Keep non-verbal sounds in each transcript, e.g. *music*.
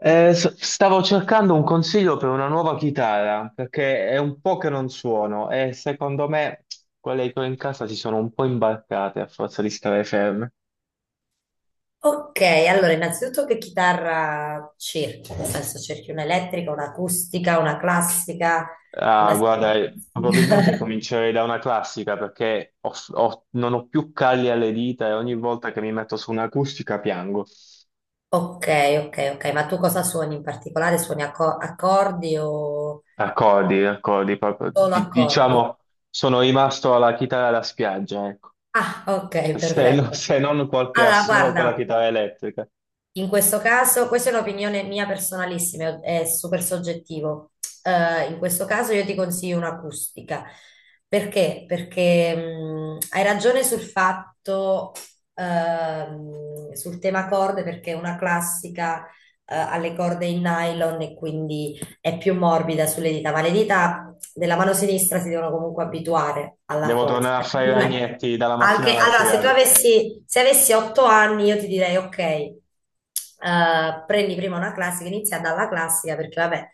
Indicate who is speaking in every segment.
Speaker 1: Stavo cercando un consiglio per una nuova chitarra, perché è un po' che non suono e secondo me quelle che ho in casa si sono un po' imbarcate a forza di stare ferme.
Speaker 2: Ok, allora innanzitutto che chitarra cerchi? Nel senso cerchi un'elettrica, un'acustica, una classica,
Speaker 1: Ah,
Speaker 2: una...
Speaker 1: guarda, probabilmente
Speaker 2: *laughs*
Speaker 1: comincerei da una classica perché non ho più calli alle dita e ogni volta che mi metto su un'acustica piango.
Speaker 2: Ok, ok, ok, ma tu cosa suoni in particolare? Suoni accordi o
Speaker 1: Accordi, accordi, proprio.
Speaker 2: solo accordi?
Speaker 1: Diciamo, sono rimasto alla chitarra da spiaggia, ecco.
Speaker 2: Ah, ok,
Speaker 1: Se,
Speaker 2: perfetto.
Speaker 1: se non qualche
Speaker 2: Allora,
Speaker 1: assolo con la
Speaker 2: guarda,
Speaker 1: chitarra elettrica.
Speaker 2: in questo caso, questa è un'opinione mia personalissima, è super soggettivo. In questo caso io ti consiglio un'acustica. Perché? Perché hai ragione sul fatto, sul tema corde, perché è una classica, alle corde in nylon e quindi è più morbida sulle dita, ma le dita della mano sinistra si devono comunque abituare alla
Speaker 1: Devo
Speaker 2: forza.
Speaker 1: tornare a fare i
Speaker 2: Comunque,
Speaker 1: ragnetti dalla mattina
Speaker 2: anche,
Speaker 1: alla
Speaker 2: allora, se tu
Speaker 1: sera.
Speaker 2: avessi, se avessi 8 anni, io ti direi, ok, prendi prima una classica, inizia dalla classica, perché vabbè,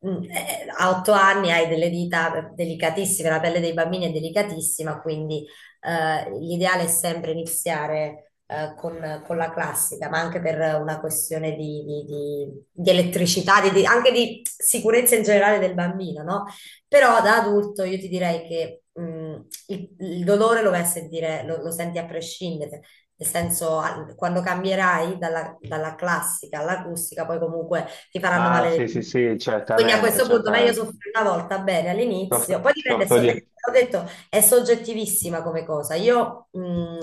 Speaker 2: a 8 anni hai delle dita delicatissime, la pelle dei bambini è delicatissima, quindi l'ideale è sempre iniziare con la classica, ma anche per una questione di, di elettricità, anche di sicurezza in generale del bambino, no? Però da adulto io ti direi che il dolore lo vai a sentire, lo senti a prescindere, nel senso quando cambierai dalla, dalla classica all'acustica, poi comunque ti faranno
Speaker 1: Ah,
Speaker 2: male le
Speaker 1: sì, sì,
Speaker 2: dita.
Speaker 1: sì,
Speaker 2: Quindi a
Speaker 1: certamente,
Speaker 2: questo punto meglio
Speaker 1: certamente.
Speaker 2: soffrire una volta bene
Speaker 1: Soffro,
Speaker 2: all'inizio, poi dipende,
Speaker 1: soffro di...
Speaker 2: ho detto, è soggettivissima come cosa. Io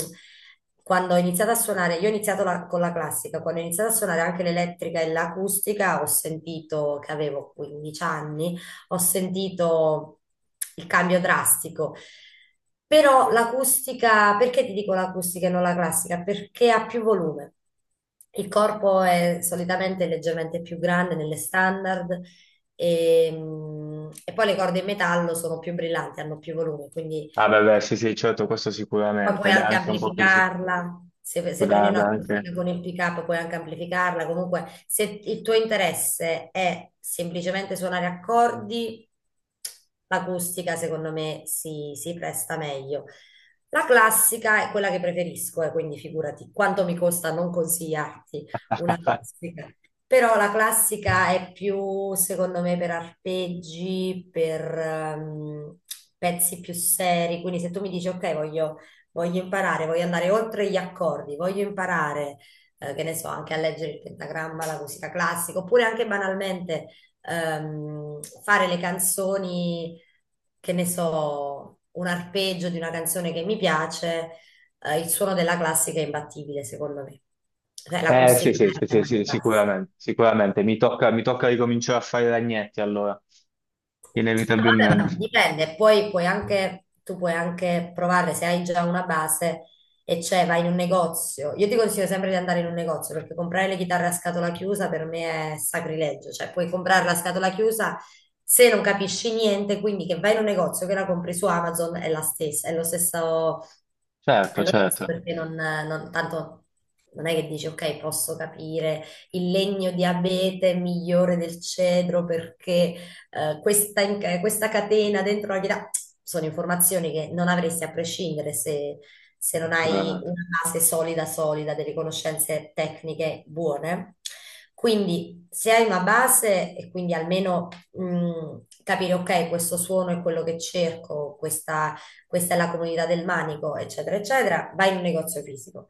Speaker 2: Quando ho iniziato a suonare, io ho iniziato con la classica, quando ho iniziato a suonare anche l'elettrica e l'acustica ho sentito che avevo 15 anni, ho sentito il cambio drastico. Però l'acustica, perché ti dico l'acustica e non la classica? Perché ha più volume. Il corpo è solitamente leggermente più grande nelle standard e, e poi le corde in metallo sono più brillanti, hanno più volume, quindi
Speaker 1: Ah, beh, beh, sì, sì, certo, questo
Speaker 2: poi
Speaker 1: sicuramente.
Speaker 2: puoi
Speaker 1: Dà
Speaker 2: anche
Speaker 1: anche un po' più...
Speaker 2: amplificarla, se prendi una
Speaker 1: dà anche...
Speaker 2: acustica con il pick-up puoi anche amplificarla, comunque se il tuo interesse è semplicemente suonare accordi, l'acustica secondo me si presta meglio. La classica è quella che preferisco, e quindi figurati quanto mi costa non consigliarti una
Speaker 1: *laughs*
Speaker 2: classica. Però la classica è più, secondo me, per arpeggi, per pezzi più seri. Quindi se tu mi dici, ok, voglio imparare, voglio andare oltre gli accordi, voglio imparare, che ne so, anche a leggere il pentagramma, la musica classica, oppure anche banalmente fare le canzoni, che ne so, un arpeggio di una canzone che mi piace, il suono della classica è imbattibile, secondo me. Cioè,
Speaker 1: Sì,
Speaker 2: l'acustica
Speaker 1: sì, sì,
Speaker 2: è a
Speaker 1: sì, sì,
Speaker 2: mani basse.
Speaker 1: sicuramente, sicuramente. Mi tocca ricominciare a fare i ragnetti, allora.
Speaker 2: Ah, vabbè, ma
Speaker 1: Inevitabilmente.
Speaker 2: dipende, poi puoi anche, tu puoi anche provare se hai già una base e cioè vai in un negozio. Io ti consiglio sempre di andare in un negozio perché comprare le chitarre a scatola chiusa per me è sacrilegio, cioè puoi comprarla a scatola chiusa se non capisci niente, quindi che vai in un negozio che la compri su Amazon è la stessa, è
Speaker 1: Certo,
Speaker 2: lo stesso
Speaker 1: certo,
Speaker 2: perché tanto non è che dici ok, posso capire il legno di abete è migliore del cedro perché questa, questa catena dentro la chitarra, sono informazioni che non avresti a prescindere se, non hai
Speaker 1: sicuramente.
Speaker 2: una base solida, solida, delle conoscenze tecniche buone. Quindi se hai una base e quindi almeno capire, ok, questo suono è quello che cerco, questa è la comunità del manico, eccetera, eccetera, vai in un negozio fisico.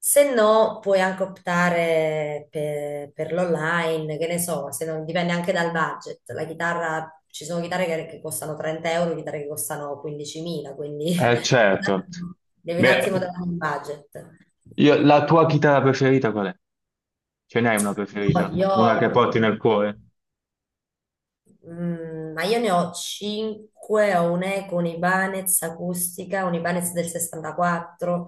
Speaker 2: Se no, puoi anche optare per, l'online, che ne so, se non, dipende anche dal budget. La chitarra, ci sono chitarre che, costano 30 euro, chitarre che costano 15.000, quindi
Speaker 1: Certo.
Speaker 2: *laughs* devi un attimo
Speaker 1: Beh,
Speaker 2: dare un budget.
Speaker 1: la tua chitarra preferita qual è? Ce n'hai una
Speaker 2: Poi
Speaker 1: preferita?
Speaker 2: Io
Speaker 1: Una che porti nel cuore?
Speaker 2: ma io ne ho 5, ho un'eco, un'Ibanez acustica, un'Ibanez del 64,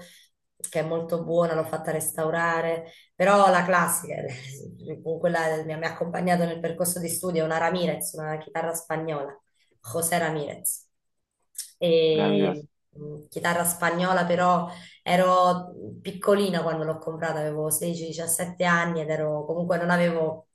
Speaker 2: che è molto buona, l'ho fatta restaurare, però la classica, *laughs* con quella mi ha accompagnato nel percorso di studio, è una Ramirez, una chitarra spagnola, José Ramirez. E,
Speaker 1: Meraviglioso.
Speaker 2: chitarra spagnola però ero piccolina quando l'ho comprata, avevo 16-17 anni ed ero comunque non avevo...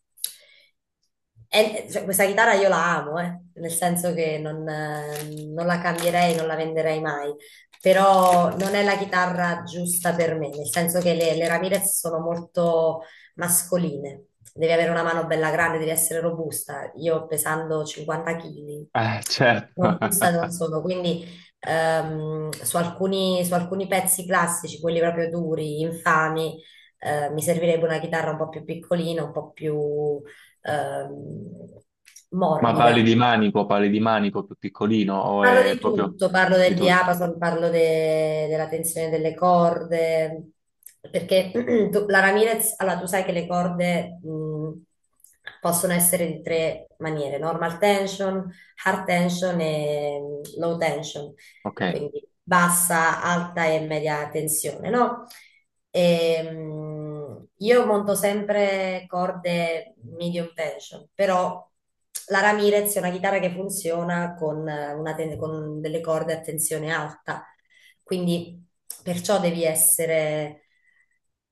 Speaker 2: E, cioè, questa chitarra io la amo, nel senso che non, non la cambierei, non la venderei mai, però non è la chitarra giusta per me, nel senso che le, Ramirez sono molto mascoline, devi avere una mano bella grande, devi essere robusta. Io pesando 50 kg,
Speaker 1: Certo.
Speaker 2: non vista non
Speaker 1: *laughs*
Speaker 2: sono, quindi su alcuni, pezzi classici, quelli proprio duri, infami, mi servirebbe una chitarra un po' più piccolina, un po' più ehm,
Speaker 1: Ma
Speaker 2: morbida.
Speaker 1: parli di manico più piccolino o
Speaker 2: Parlo
Speaker 1: è
Speaker 2: di
Speaker 1: proprio
Speaker 2: tutto, parlo del
Speaker 1: di tutto?
Speaker 2: diapason, parlo della tensione delle corde, perché *clears throat* la Ramirez, allora tu sai che le corde possono essere di tre maniere, normal tension, hard tension e low tension,
Speaker 1: Ok.
Speaker 2: quindi bassa, alta e media tensione, no? Io monto sempre corde medium tension, però la Ramirez è una chitarra che funziona con, una con delle corde a tensione alta, quindi perciò devi essere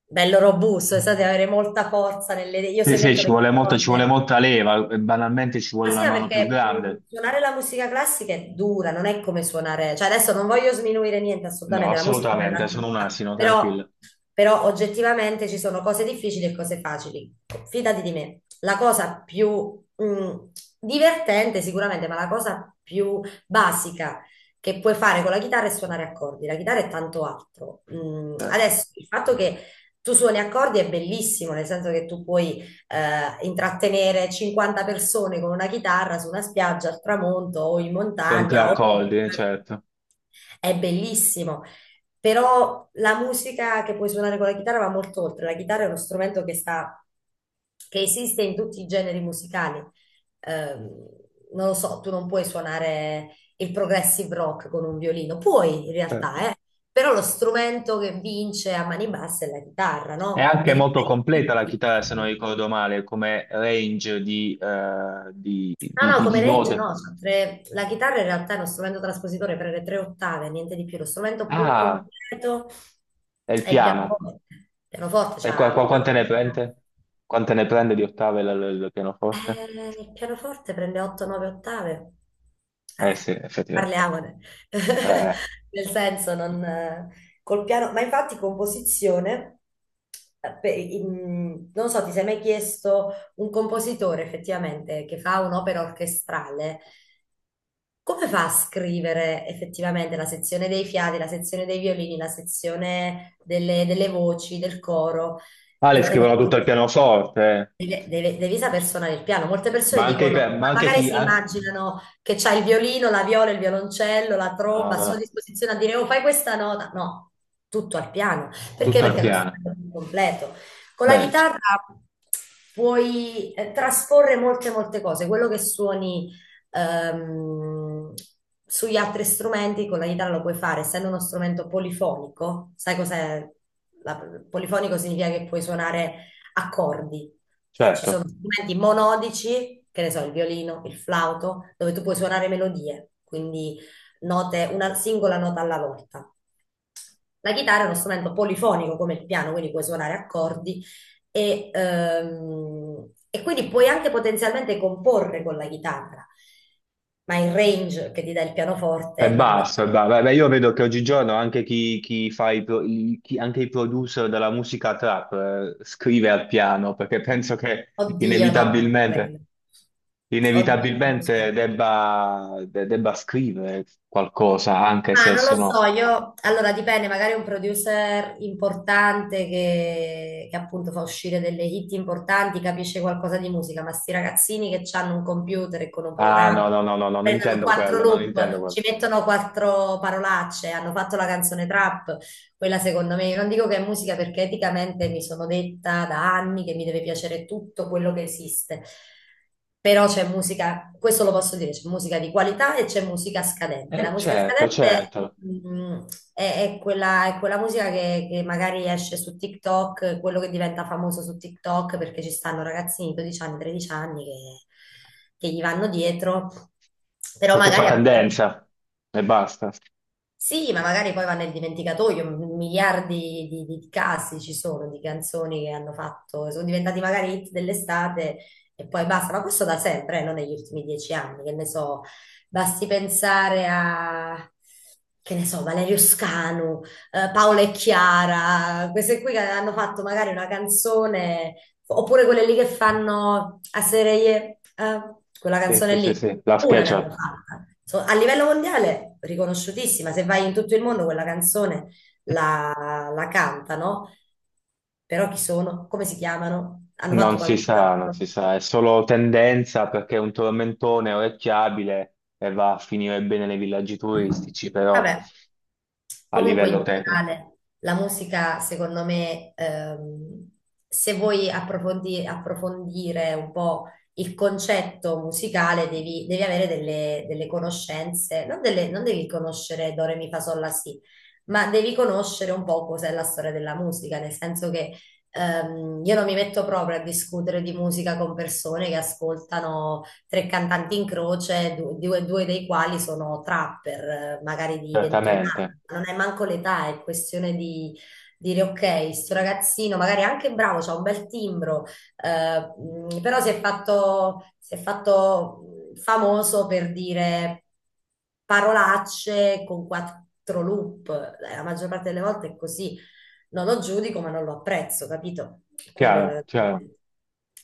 Speaker 2: bello robusto, cioè, devi avere molta forza nelle... Io
Speaker 1: Sì,
Speaker 2: se
Speaker 1: sì,
Speaker 2: metto
Speaker 1: ci
Speaker 2: le
Speaker 1: vuole molto, ci vuole
Speaker 2: corde...
Speaker 1: molta leva, e banalmente ci vuole
Speaker 2: Ma sì,
Speaker 1: una
Speaker 2: ma
Speaker 1: mano più
Speaker 2: perché
Speaker 1: grande.
Speaker 2: suonare la musica classica è dura, non è come suonare, cioè adesso non voglio sminuire niente
Speaker 1: No,
Speaker 2: assolutamente, la musica è bella
Speaker 1: assolutamente, sono un
Speaker 2: tutta,
Speaker 1: asino,
Speaker 2: però,
Speaker 1: tranquillo.
Speaker 2: oggettivamente ci sono cose difficili e cose facili. Fidati di me, la cosa più divertente sicuramente, ma la cosa più basica che puoi fare con la chitarra è suonare accordi, la chitarra è tanto altro.
Speaker 1: Certo.
Speaker 2: Adesso il fatto che tu suoni accordi è bellissimo, nel senso che tu puoi intrattenere 50 persone con una chitarra su una spiaggia al tramonto o in
Speaker 1: Con tre
Speaker 2: montagna o
Speaker 1: accordi, certo,
Speaker 2: è bellissimo. Però la musica che puoi suonare con la chitarra va molto oltre. La chitarra è uno strumento che sta, che esiste in tutti i generi musicali. Ehm, Non lo so, tu non puoi suonare il progressive rock con un violino. Puoi in
Speaker 1: certo.
Speaker 2: realtà, eh. Però lo strumento che vince a mani basse è la chitarra,
Speaker 1: È
Speaker 2: no? La
Speaker 1: anche
Speaker 2: chitarra
Speaker 1: molto
Speaker 2: è
Speaker 1: completa la chitarra, se non ricordo male, come range di,
Speaker 2: No, no, come
Speaker 1: di
Speaker 2: range
Speaker 1: note.
Speaker 2: no, la chitarra in realtà è uno strumento traspositore per le tre ottave, niente di più. Lo strumento più
Speaker 1: Ah,
Speaker 2: completo
Speaker 1: è il
Speaker 2: è il
Speaker 1: piano.
Speaker 2: pianoforte. Il pianoforte
Speaker 1: E qua,
Speaker 2: c'ha
Speaker 1: qua quante
Speaker 2: ottave.
Speaker 1: ne prende? Quante ne prende di ottave il pianoforte?
Speaker 2: Il pianoforte prende 8-9 ottave.
Speaker 1: Eh sì,
Speaker 2: Eh,
Speaker 1: effettivamente.
Speaker 2: parliamone. *laughs*
Speaker 1: Eh.
Speaker 2: Nel senso, non, col piano, ma infatti composizione, non so, ti sei mai chiesto un compositore effettivamente che fa un'opera orchestrale? Come fa a scrivere effettivamente la sezione dei fiati, la sezione dei violini, la sezione delle, voci, del coro?
Speaker 1: Ah, le
Speaker 2: Devi saper
Speaker 1: scrivono
Speaker 2: fare.
Speaker 1: tutto al pianoforte, eh.
Speaker 2: Devi, devi saper suonare il piano. Molte
Speaker 1: Ma
Speaker 2: persone
Speaker 1: anche,
Speaker 2: dicono, ma
Speaker 1: ma anche
Speaker 2: magari
Speaker 1: chi...
Speaker 2: si immaginano che c'hai il violino, la viola, il violoncello, la
Speaker 1: No, no,
Speaker 2: tromba, sono a sua
Speaker 1: no,
Speaker 2: disposizione a dire, oh, fai questa nota. No, tutto al piano. Perché?
Speaker 1: tutto al
Speaker 2: Perché è lo
Speaker 1: piano.
Speaker 2: strumento più completo. Con la
Speaker 1: Beh,
Speaker 2: chitarra puoi trasporre molte, molte cose. Quello che suoni ehm, sugli altri strumenti, con la chitarra lo puoi fare, essendo uno strumento polifonico. Sai cos'è? La- Polifonico significa che puoi suonare accordi. Cioè, ci
Speaker 1: certo,
Speaker 2: sono strumenti monodici, che ne so, il violino, il flauto, dove tu puoi suonare melodie, quindi note, una singola nota alla volta. La chitarra è uno strumento polifonico come il piano, quindi puoi suonare accordi e quindi puoi anche potenzialmente comporre con la chitarra, ma il range che ti dà il
Speaker 1: è
Speaker 2: pianoforte, non...
Speaker 1: basso, è basso. Beh, beh, io vedo che oggigiorno anche chi, chi fa i, anche i producer della musica trap, scrive al piano, perché penso che
Speaker 2: Oddio, no, non
Speaker 1: inevitabilmente...
Speaker 2: credo. Oddio, non lo
Speaker 1: inevitabilmente
Speaker 2: so.
Speaker 1: debba, debba scrivere qualcosa, anche
Speaker 2: Ah,
Speaker 1: se
Speaker 2: non lo so,
Speaker 1: sono...
Speaker 2: io allora dipende, magari un producer importante che, appunto fa uscire delle hit importanti, capisce qualcosa di musica, ma sti ragazzini che hanno un computer e con un
Speaker 1: Ah, no,
Speaker 2: programma
Speaker 1: no, no, no, no, non
Speaker 2: prendono
Speaker 1: intendo
Speaker 2: quattro
Speaker 1: quello, non intendo
Speaker 2: loop,
Speaker 1: quello.
Speaker 2: ci mettono quattro parolacce, hanno fatto la canzone trap, quella secondo me, io non dico che è musica perché eticamente mi sono detta da anni che mi deve piacere tutto quello che esiste, però c'è musica, questo lo posso dire, c'è musica di qualità e c'è musica scadente. La musica
Speaker 1: Certo,
Speaker 2: scadente
Speaker 1: certo,
Speaker 2: mm, è quella, musica che, magari esce su TikTok, quello che diventa famoso su TikTok perché ci stanno ragazzini di 12 anni, 13 anni che, gli vanno dietro, però
Speaker 1: perché fa
Speaker 2: magari... preso
Speaker 1: tendenza e basta.
Speaker 2: sì, ma magari poi va nel dimenticatoio, miliardi di, di casi ci sono di canzoni che hanno fatto, sono diventati magari hit dell'estate e poi basta, ma questo da sempre, non negli ultimi 10 anni, che ne so, basti pensare a, che ne so, Valerio Scanu, Paola e Chiara, queste qui che hanno fatto magari una canzone, oppure quelle lì che fanno a serie, quella
Speaker 1: Sì,
Speaker 2: canzone
Speaker 1: sì, sì,
Speaker 2: lì.
Speaker 1: sì, la
Speaker 2: Una ne hanno
Speaker 1: SketchUp.
Speaker 2: fatta. A livello mondiale, riconosciutissima. Se vai in tutto il mondo, quella canzone la cantano. Però chi sono? Come si chiamano? Hanno fatto
Speaker 1: Non si sa, non
Speaker 2: qualcos'altro?
Speaker 1: si sa, è solo tendenza perché è un tormentone orecchiabile e va a finire bene nei villaggi turistici, però
Speaker 2: Vabbè,
Speaker 1: a
Speaker 2: comunque in
Speaker 1: livello tecnico,
Speaker 2: generale la musica secondo me, se vuoi approfondire un po' il concetto musicale devi, avere delle, conoscenze, non, non devi conoscere Do, Re, Mi, Fa, Sol, La, Si, ma devi conoscere un po' cos'è la storia della musica, nel senso che io non mi metto proprio a discutere di musica con persone che ascoltano tre cantanti in croce, due dei quali sono trapper, magari di 21
Speaker 1: certamente.
Speaker 2: anni. Non è manco l'età, è questione di dire ok, sto ragazzino magari è anche bravo, c'ha un bel timbro, però si è fatto famoso per dire parolacce con quattro loop. La maggior parte delle volte è così, non lo giudico, ma non lo apprezzo, capito? Quello è la
Speaker 1: Chiaro, chiaro,
Speaker 2: ragione.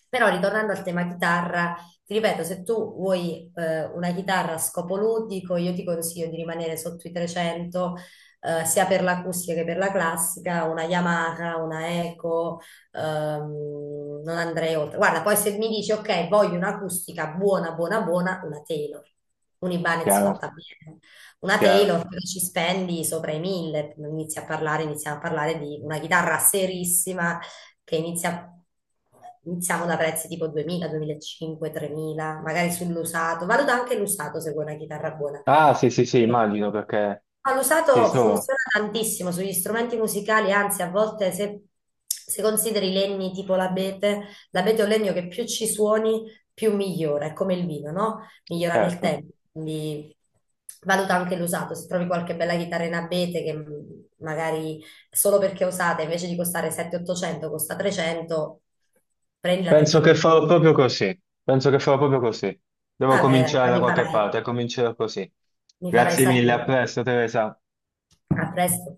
Speaker 2: Però ritornando al tema chitarra, ti ripeto, se tu vuoi una chitarra a scopo ludico, io ti consiglio di rimanere sotto i 300, sia per l'acustica che per la classica, una Yamaha, una Eco, non andrei oltre. Guarda, poi se mi dici, ok, voglio un'acustica buona, buona, buona, una Taylor, un Ibanez
Speaker 1: chiaro,
Speaker 2: fatta bene. Una
Speaker 1: chiaro.
Speaker 2: Taylor però ci spendi sopra i 1000, inizi a parlare, iniziamo a parlare di una chitarra serissima che inizia, iniziamo da prezzi tipo 2000, 2500, 3000, magari sull'usato. Valuta anche l'usato se vuoi una chitarra buona.
Speaker 1: Ah, sì, sì, sì, immagino perché
Speaker 2: Ma
Speaker 1: sì,
Speaker 2: l'usato
Speaker 1: sono,
Speaker 2: funziona tantissimo sugli strumenti musicali, anzi a volte se, consideri i legni tipo l'abete, l'abete è un legno che più ci suoni più migliora, è come il vino, no? Migliora nel
Speaker 1: certo.
Speaker 2: tempo, quindi valuta anche l'usato, se trovi qualche bella chitarra in abete che magari solo perché è usata invece di costare 700-800 costa 300, prendila perché
Speaker 1: Penso
Speaker 2: è
Speaker 1: che farò
Speaker 2: un'investimento.
Speaker 1: proprio così. Penso che farò proprio così. Devo
Speaker 2: Vabbè, dai,
Speaker 1: cominciare
Speaker 2: poi
Speaker 1: da
Speaker 2: mi
Speaker 1: qualche
Speaker 2: farai
Speaker 1: parte, comincerò così.
Speaker 2: mi farai
Speaker 1: Grazie mille, a
Speaker 2: sapere.
Speaker 1: presto, Teresa.
Speaker 2: A presto.